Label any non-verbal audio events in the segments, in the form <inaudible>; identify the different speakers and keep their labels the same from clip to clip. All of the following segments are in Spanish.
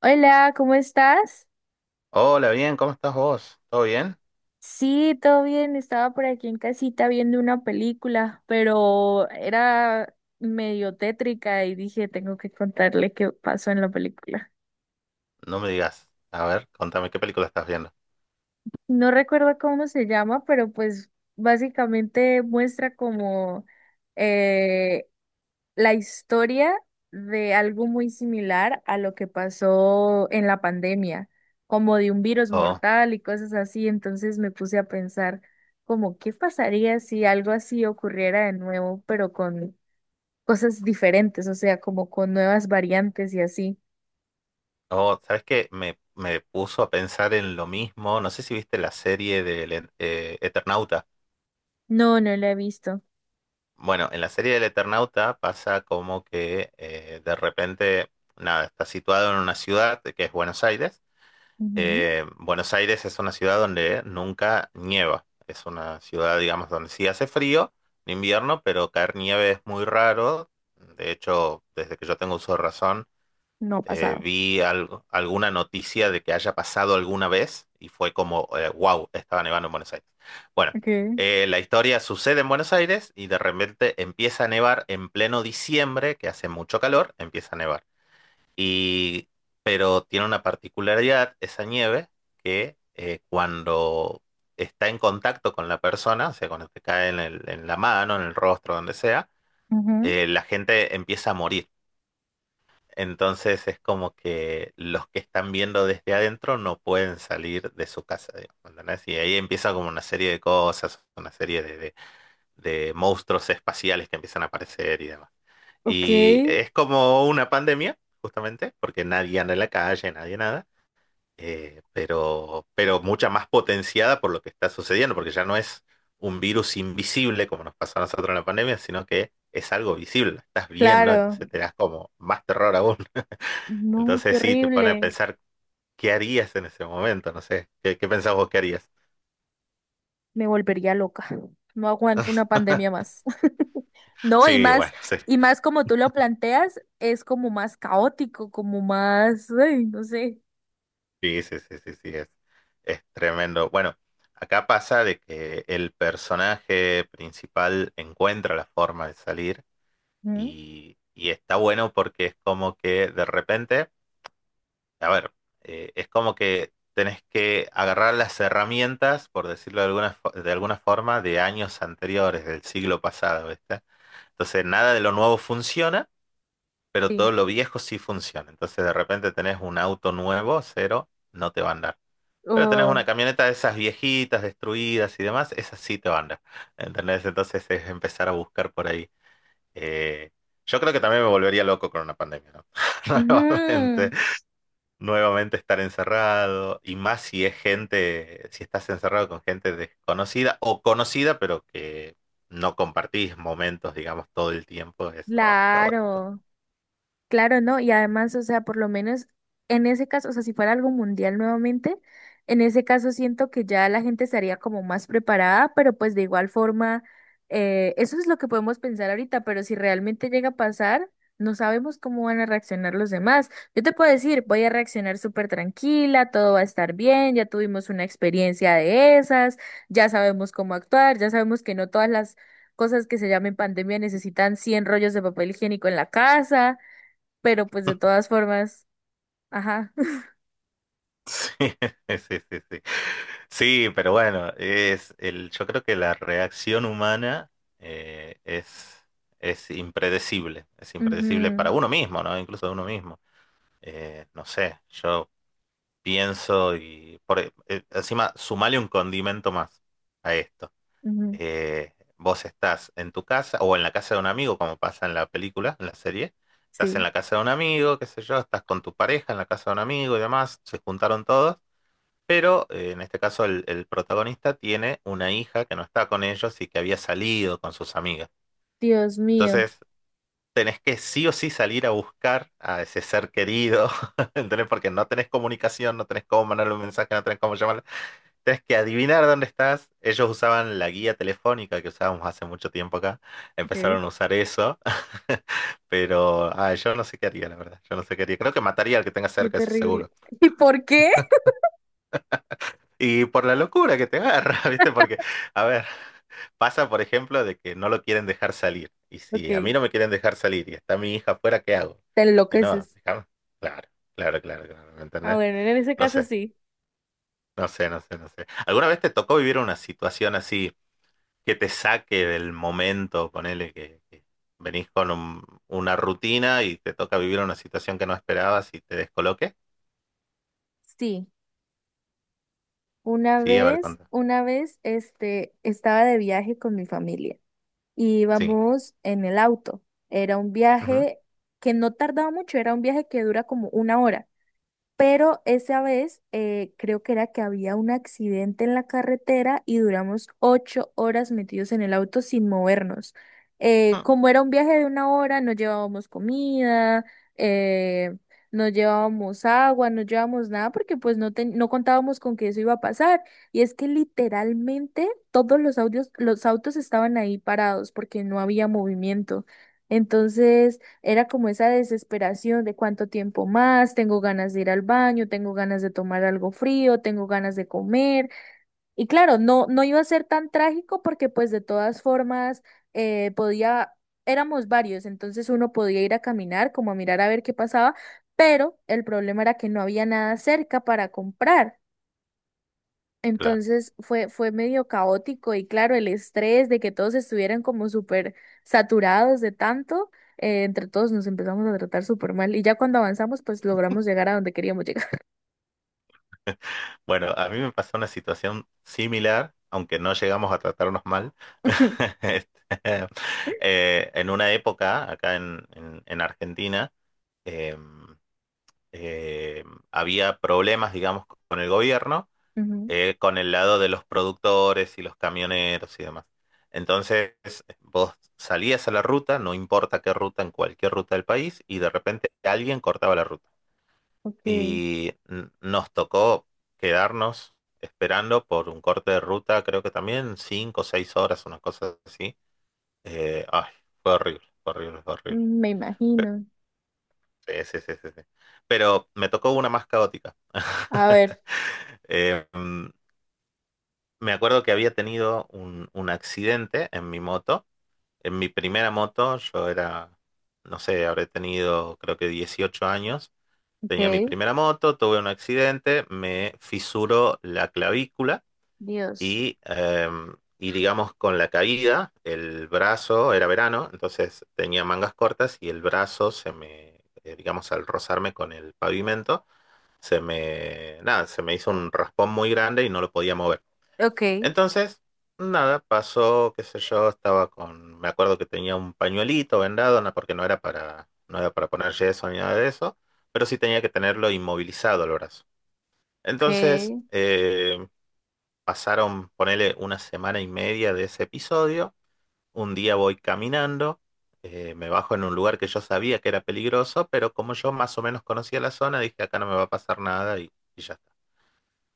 Speaker 1: Hola, ¿cómo estás?
Speaker 2: Hola, bien, ¿cómo estás vos? ¿Todo bien?
Speaker 1: Sí, todo bien. Estaba por aquí en casita viendo una película, pero era medio tétrica y dije, tengo que contarle qué pasó en la película.
Speaker 2: No me digas. A ver, contame, ¿qué película estás viendo?
Speaker 1: No recuerdo cómo se llama, pero pues básicamente muestra como eh la historia de algo muy similar a lo que pasó en la pandemia, como de un virus
Speaker 2: Oh,
Speaker 1: mortal y cosas así. Entonces me puse a pensar como qué pasaría si algo así ocurriera de nuevo, pero con cosas diferentes, o sea, como con nuevas variantes y así.
Speaker 2: oh, ¿sabes qué? Me puso a pensar en lo mismo. No sé si viste la serie del Eternauta.
Speaker 1: No, no la he visto.
Speaker 2: Bueno, en la serie del Eternauta pasa como que de repente, nada, está situado en una ciudad que es Buenos Aires.
Speaker 1: Ujú.
Speaker 2: Buenos Aires es una ciudad donde nunca nieva. Es una ciudad, digamos, donde sí hace frío en invierno, pero caer nieve es muy raro. De hecho, desde que yo tengo uso de razón,
Speaker 1: No ha pasado.
Speaker 2: vi alguna noticia de que haya pasado alguna vez y fue como, wow, estaba nevando en Buenos Aires. Bueno,
Speaker 1: Okay.
Speaker 2: la historia sucede en Buenos Aires y de repente empieza a nevar en pleno diciembre, que hace mucho calor, empieza a nevar. Y, pero tiene una particularidad esa nieve que cuando está en contacto con la persona, o sea, cuando te cae en en la mano, en el rostro, donde sea,
Speaker 1: Ujú.
Speaker 2: la gente empieza a morir. Entonces es como que los que están viendo desde adentro no pueden salir de su casa, digamos, ¿entendés? Y ahí empieza como una serie de cosas, una serie de monstruos espaciales que empiezan a aparecer y demás.
Speaker 1: Ok.
Speaker 2: Y es como una pandemia, justamente, porque nadie anda en la calle, nadie nada, pero mucha más potenciada por lo que está sucediendo, porque ya no es un virus invisible como nos pasó a nosotros en la pandemia, sino que es algo visible, lo estás viendo,
Speaker 1: Claro.
Speaker 2: entonces te das como más terror aún. <laughs>
Speaker 1: No, qué
Speaker 2: Entonces sí, te pone a
Speaker 1: horrible.
Speaker 2: pensar qué harías en ese momento, no sé, ¿qué pensás vos que harías?
Speaker 1: Me volvería loca. No aguanto una pandemia más. <laughs> No, y
Speaker 2: Sí,
Speaker 1: más,
Speaker 2: bueno, <laughs> sí.
Speaker 1: y más como tú lo planteas, es como más caótico, como más, ay, no sé.
Speaker 2: Sí, sí, sí, sí, sí, es tremendo. Bueno, acá pasa de que el personaje principal encuentra la forma de salir
Speaker 1: Ujú.
Speaker 2: y está bueno porque es como que de repente, a ver, es como que tenés que agarrar las herramientas, por decirlo de alguna, de alguna forma, de años anteriores, del siglo pasado, ¿viste? Entonces, nada de lo nuevo funciona, pero
Speaker 1: Sí.
Speaker 2: todo lo viejo sí funciona. Entonces, de repente tenés un auto nuevo, cero, no te va a andar. Pero tenés una
Speaker 1: Oh.
Speaker 2: camioneta de esas viejitas, destruidas y demás, esas sí te van, ¿entendés? Entonces es empezar a buscar por ahí. Eh, yo creo que también me volvería loco con una pandemia, ¿no? <laughs> Nuevamente,
Speaker 1: Ujú.
Speaker 2: nuevamente estar encerrado, y más si es gente, si estás encerrado con gente desconocida o conocida, pero que no compartís momentos, digamos, todo el tiempo, eso es caótico.
Speaker 1: Claro. Claro, ¿no? Y además, o sea, por lo menos en ese caso, o sea, si fuera algo mundial nuevamente, en ese caso siento que ya la gente estaría como más preparada, pero pues de igual forma, eso es lo que podemos pensar ahorita, pero si realmente llega a pasar, no sabemos cómo van a reaccionar los demás. Yo te puedo decir, voy a reaccionar súper tranquila, todo va a estar bien, ya tuvimos una experiencia de esas, ya sabemos cómo actuar, ya sabemos que no todas las cosas que se llamen pandemia necesitan 100 rollos de papel higiénico en la casa pero pues de todas formas, ajá. <laughs>
Speaker 2: Sí, <laughs> sí, sí, sí. Sí, pero bueno, yo creo que la reacción humana eh, es, es impredecible para
Speaker 1: Ujú,
Speaker 2: uno mismo, ¿no? Incluso de uno mismo. No sé, yo pienso y encima sumale un condimento más a esto.
Speaker 1: ujú,
Speaker 2: Vos estás en tu casa o en la casa de un amigo, como pasa en la película, en la serie. Estás en
Speaker 1: sí.
Speaker 2: la casa de un amigo, qué sé yo, estás con tu pareja en la casa de un amigo y demás, se juntaron todos. Pero en este caso el protagonista tiene una hija que no está con ellos y que había salido con sus amigas.
Speaker 1: Dios mío.
Speaker 2: Entonces tenés que sí o sí salir a buscar a ese ser querido, <laughs> ¿entendés? Porque no tenés comunicación, no tenés cómo mandarle un mensaje, no tenés cómo llamarle. Tenés que adivinar dónde estás. Ellos usaban la guía telefónica que usábamos hace mucho tiempo acá.
Speaker 1: Ok.
Speaker 2: Empezaron a usar eso. <laughs> Pero ah, yo no sé qué haría, la verdad. Yo no sé qué haría. Creo que mataría al que tenga
Speaker 1: Qué
Speaker 2: cerca, eso
Speaker 1: terrible.
Speaker 2: seguro.
Speaker 1: <laughs> ¿Y por qué?
Speaker 2: Y por la locura que te agarra, <laughs> ¿viste? Porque, a ver, pasa, por ejemplo, de que no lo quieren dejar salir. Y
Speaker 1: Ok.
Speaker 2: si a
Speaker 1: Te
Speaker 2: mí no me quieren dejar salir y está mi hija afuera, ¿qué hago? Y no,
Speaker 1: enloqueces.
Speaker 2: déjame. Claro, claro, claro, claro, ¿me
Speaker 1: Ah,
Speaker 2: entendés?
Speaker 1: bueno, en ese
Speaker 2: No
Speaker 1: caso
Speaker 2: sé,
Speaker 1: sí.
Speaker 2: no sé, no sé, no sé. ¿Alguna vez te tocó vivir una situación así que te saque del momento, ponele que venís con una rutina y te toca vivir una situación que no esperabas y te descoloque?
Speaker 1: Sí, una
Speaker 2: Sí, a ver,
Speaker 1: vez,
Speaker 2: contá.
Speaker 1: una vez, estaba de viaje con mi familia y
Speaker 2: Sí.
Speaker 1: íbamos en el auto. Era un
Speaker 2: Ujú.
Speaker 1: viaje que no tardaba mucho, era un viaje que dura como 1 hora. Pero esa vez creo que era que había un accidente en la carretera y duramos 8 horas metidos en el auto sin movernos.
Speaker 2: Mm.
Speaker 1: Como era un viaje de 1 hora, no llevábamos comida, eh, no llevábamos agua, no llevábamos nada porque pues no, no contábamos con que eso iba a pasar. Y es que literalmente todos los autos estaban ahí parados porque no había movimiento. Entonces... Era como esa desesperación de cuánto tiempo más, tengo ganas de ir al baño, tengo ganas de tomar algo frío, tengo ganas de comer. Y claro, no, no iba a ser tan trágico porque pues de todas formas eh, podía, éramos varios, entonces uno podía ir a caminar, como a mirar a ver qué pasaba, pero el problema era que no había nada cerca para comprar.
Speaker 2: Claro.
Speaker 1: Entonces fue medio caótico y claro, el estrés de que todos estuvieran como súper saturados de tanto, entre todos nos empezamos a tratar súper mal y ya cuando avanzamos pues logramos llegar a donde queríamos llegar.
Speaker 2: Bueno, a mí me pasó una situación similar, aunque no llegamos a tratarnos mal. <laughs>
Speaker 1: <laughs>
Speaker 2: Este, en una época, acá en Argentina, eh, eh, había problemas, digamos, con el gobierno,
Speaker 1: Ujú.
Speaker 2: con el lado de los productores y los camioneros y demás. Entonces, vos salías a la ruta, no importa qué ruta, en cualquier ruta del país, y de repente alguien cortaba la ruta
Speaker 1: Ok.
Speaker 2: y nos tocó quedarnos esperando por un corte de ruta, creo que también 5 o 6 horas, una cosa así. Ay, fue horrible, fue horrible, fue horrible.
Speaker 1: Me imagino.
Speaker 2: Sí, sí, sí, sí, sí. Pero me tocó una más caótica.
Speaker 1: A
Speaker 2: <laughs>
Speaker 1: ver,
Speaker 2: Eh, mm, me acuerdo que había tenido un accidente en mi moto. En mi primera moto, yo era, no sé, habré tenido creo que 18 años. Tenía mi
Speaker 1: ok,
Speaker 2: primera moto, tuve un accidente, me fisuró la clavícula
Speaker 1: Dios.
Speaker 2: y digamos con la caída, el brazo, era verano, entonces tenía mangas cortas y el brazo se me, digamos al rozarme con el pavimento, nada, se me hizo un raspón muy grande y no lo podía mover.
Speaker 1: Ok,
Speaker 2: Entonces, nada, pasó, qué sé yo, estaba con, me acuerdo que tenía un pañuelito vendado, no, porque no era para poner yeso ni nada de eso, pero sí tenía que tenerlo inmovilizado el brazo.
Speaker 1: ok,
Speaker 2: Entonces, pasaron, ponele una semana y media de ese episodio. Un día voy caminando, me bajo en un lugar que yo sabía que era peligroso, pero como yo más o menos conocía la zona, dije acá no me va a pasar nada y ya está.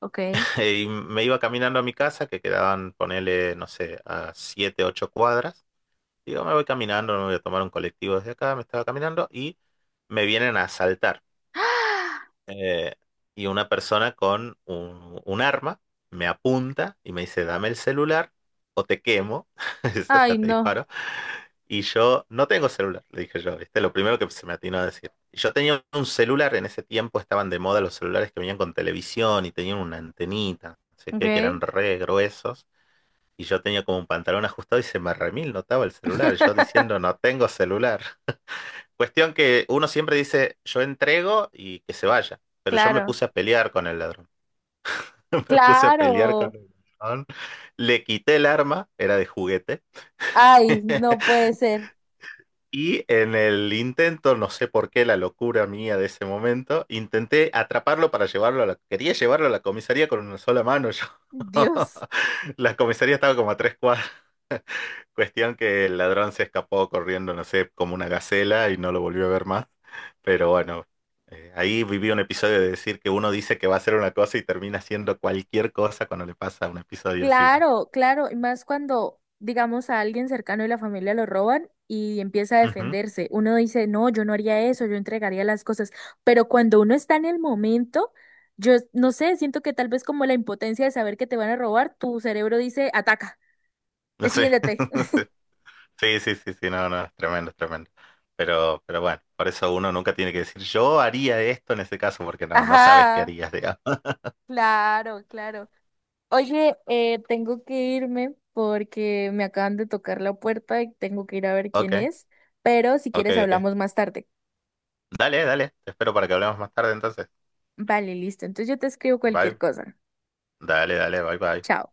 Speaker 1: ok.
Speaker 2: <laughs>
Speaker 1: <gasps>
Speaker 2: Y me iba caminando a mi casa, que quedaban, ponele, no sé, a 7, 8 cuadras. Digo, me voy caminando, me voy a tomar un colectivo desde acá, me estaba caminando y me vienen a asaltar.
Speaker 1: ¡Ah!
Speaker 2: eh, y una persona con un arma me apunta y me dice, dame el celular o te quemo, <laughs> o
Speaker 1: Ay,
Speaker 2: sea, te
Speaker 1: no.
Speaker 2: disparo. Y yo no tengo celular, le dije yo, ¿viste? Lo primero que se me atinó a decir. Y yo tenía un celular, en ese tiempo estaban de moda los celulares que venían con televisión y tenían una antenita, no sé qué, que
Speaker 1: Ok.
Speaker 2: eran re gruesos. Y yo tenía como un pantalón ajustado y se me remil notaba el celular, yo diciendo, no
Speaker 1: <laughs>
Speaker 2: tengo celular. Cuestión que uno siempre dice, yo entrego y que se vaya. Pero yo me
Speaker 1: claro.
Speaker 2: puse a pelear con el ladrón. <laughs> Me puse a pelear con
Speaker 1: Claro.
Speaker 2: el ladrón. Le quité el arma, era de juguete.
Speaker 1: Ay,
Speaker 2: <laughs>
Speaker 1: no puede ser.
Speaker 2: Y en el intento, no sé por qué, la locura mía de ese momento, intenté atraparlo para llevarlo a la... Quería llevarlo a la comisaría con una sola mano. Yo.
Speaker 1: Dios.
Speaker 2: <laughs> La comisaría estaba como a 3 cuadras. Cuestión que el ladrón se escapó corriendo, no sé, como una gacela y no lo volvió a ver más. Pero bueno, ahí viví un episodio de decir que uno dice que va a hacer una cosa y termina haciendo cualquier cosa cuando le pasa un episodio así, ¿no?
Speaker 1: Claro, claro, y más cuando, digamos, a alguien cercano de la familia lo roban y empieza a
Speaker 2: Ujú.
Speaker 1: defenderse. Uno dice, no, yo no haría eso, yo entregaría las cosas. Pero cuando uno está en el momento, yo no sé, siento que tal vez como la impotencia de saber que te van a robar, tu cerebro dice, ataca,
Speaker 2: No sé,
Speaker 1: defiéndete.
Speaker 2: <laughs> no sé. Sí, sí, sí, sí, no, no, es tremendo, es tremendo. Pero bueno, por eso uno nunca tiene que decir, yo haría esto en ese caso, porque
Speaker 1: <laughs>
Speaker 2: no, no sabes qué
Speaker 1: Ajá,
Speaker 2: harías, digamos.
Speaker 1: claro, claro. Oye, tengo que irme porque me acaban de tocar la puerta y tengo que ir a ver quién
Speaker 2: Ok,
Speaker 1: es, pero si
Speaker 2: ok,
Speaker 1: quieres
Speaker 2: ok.
Speaker 1: hablamos más tarde.
Speaker 2: Dale, dale, te espero para que hablemos más tarde entonces.
Speaker 1: Vale, listo. Entonces yo te escribo cualquier
Speaker 2: Bye.
Speaker 1: cosa.
Speaker 2: Dale, dale, bye, bye.
Speaker 1: Chao.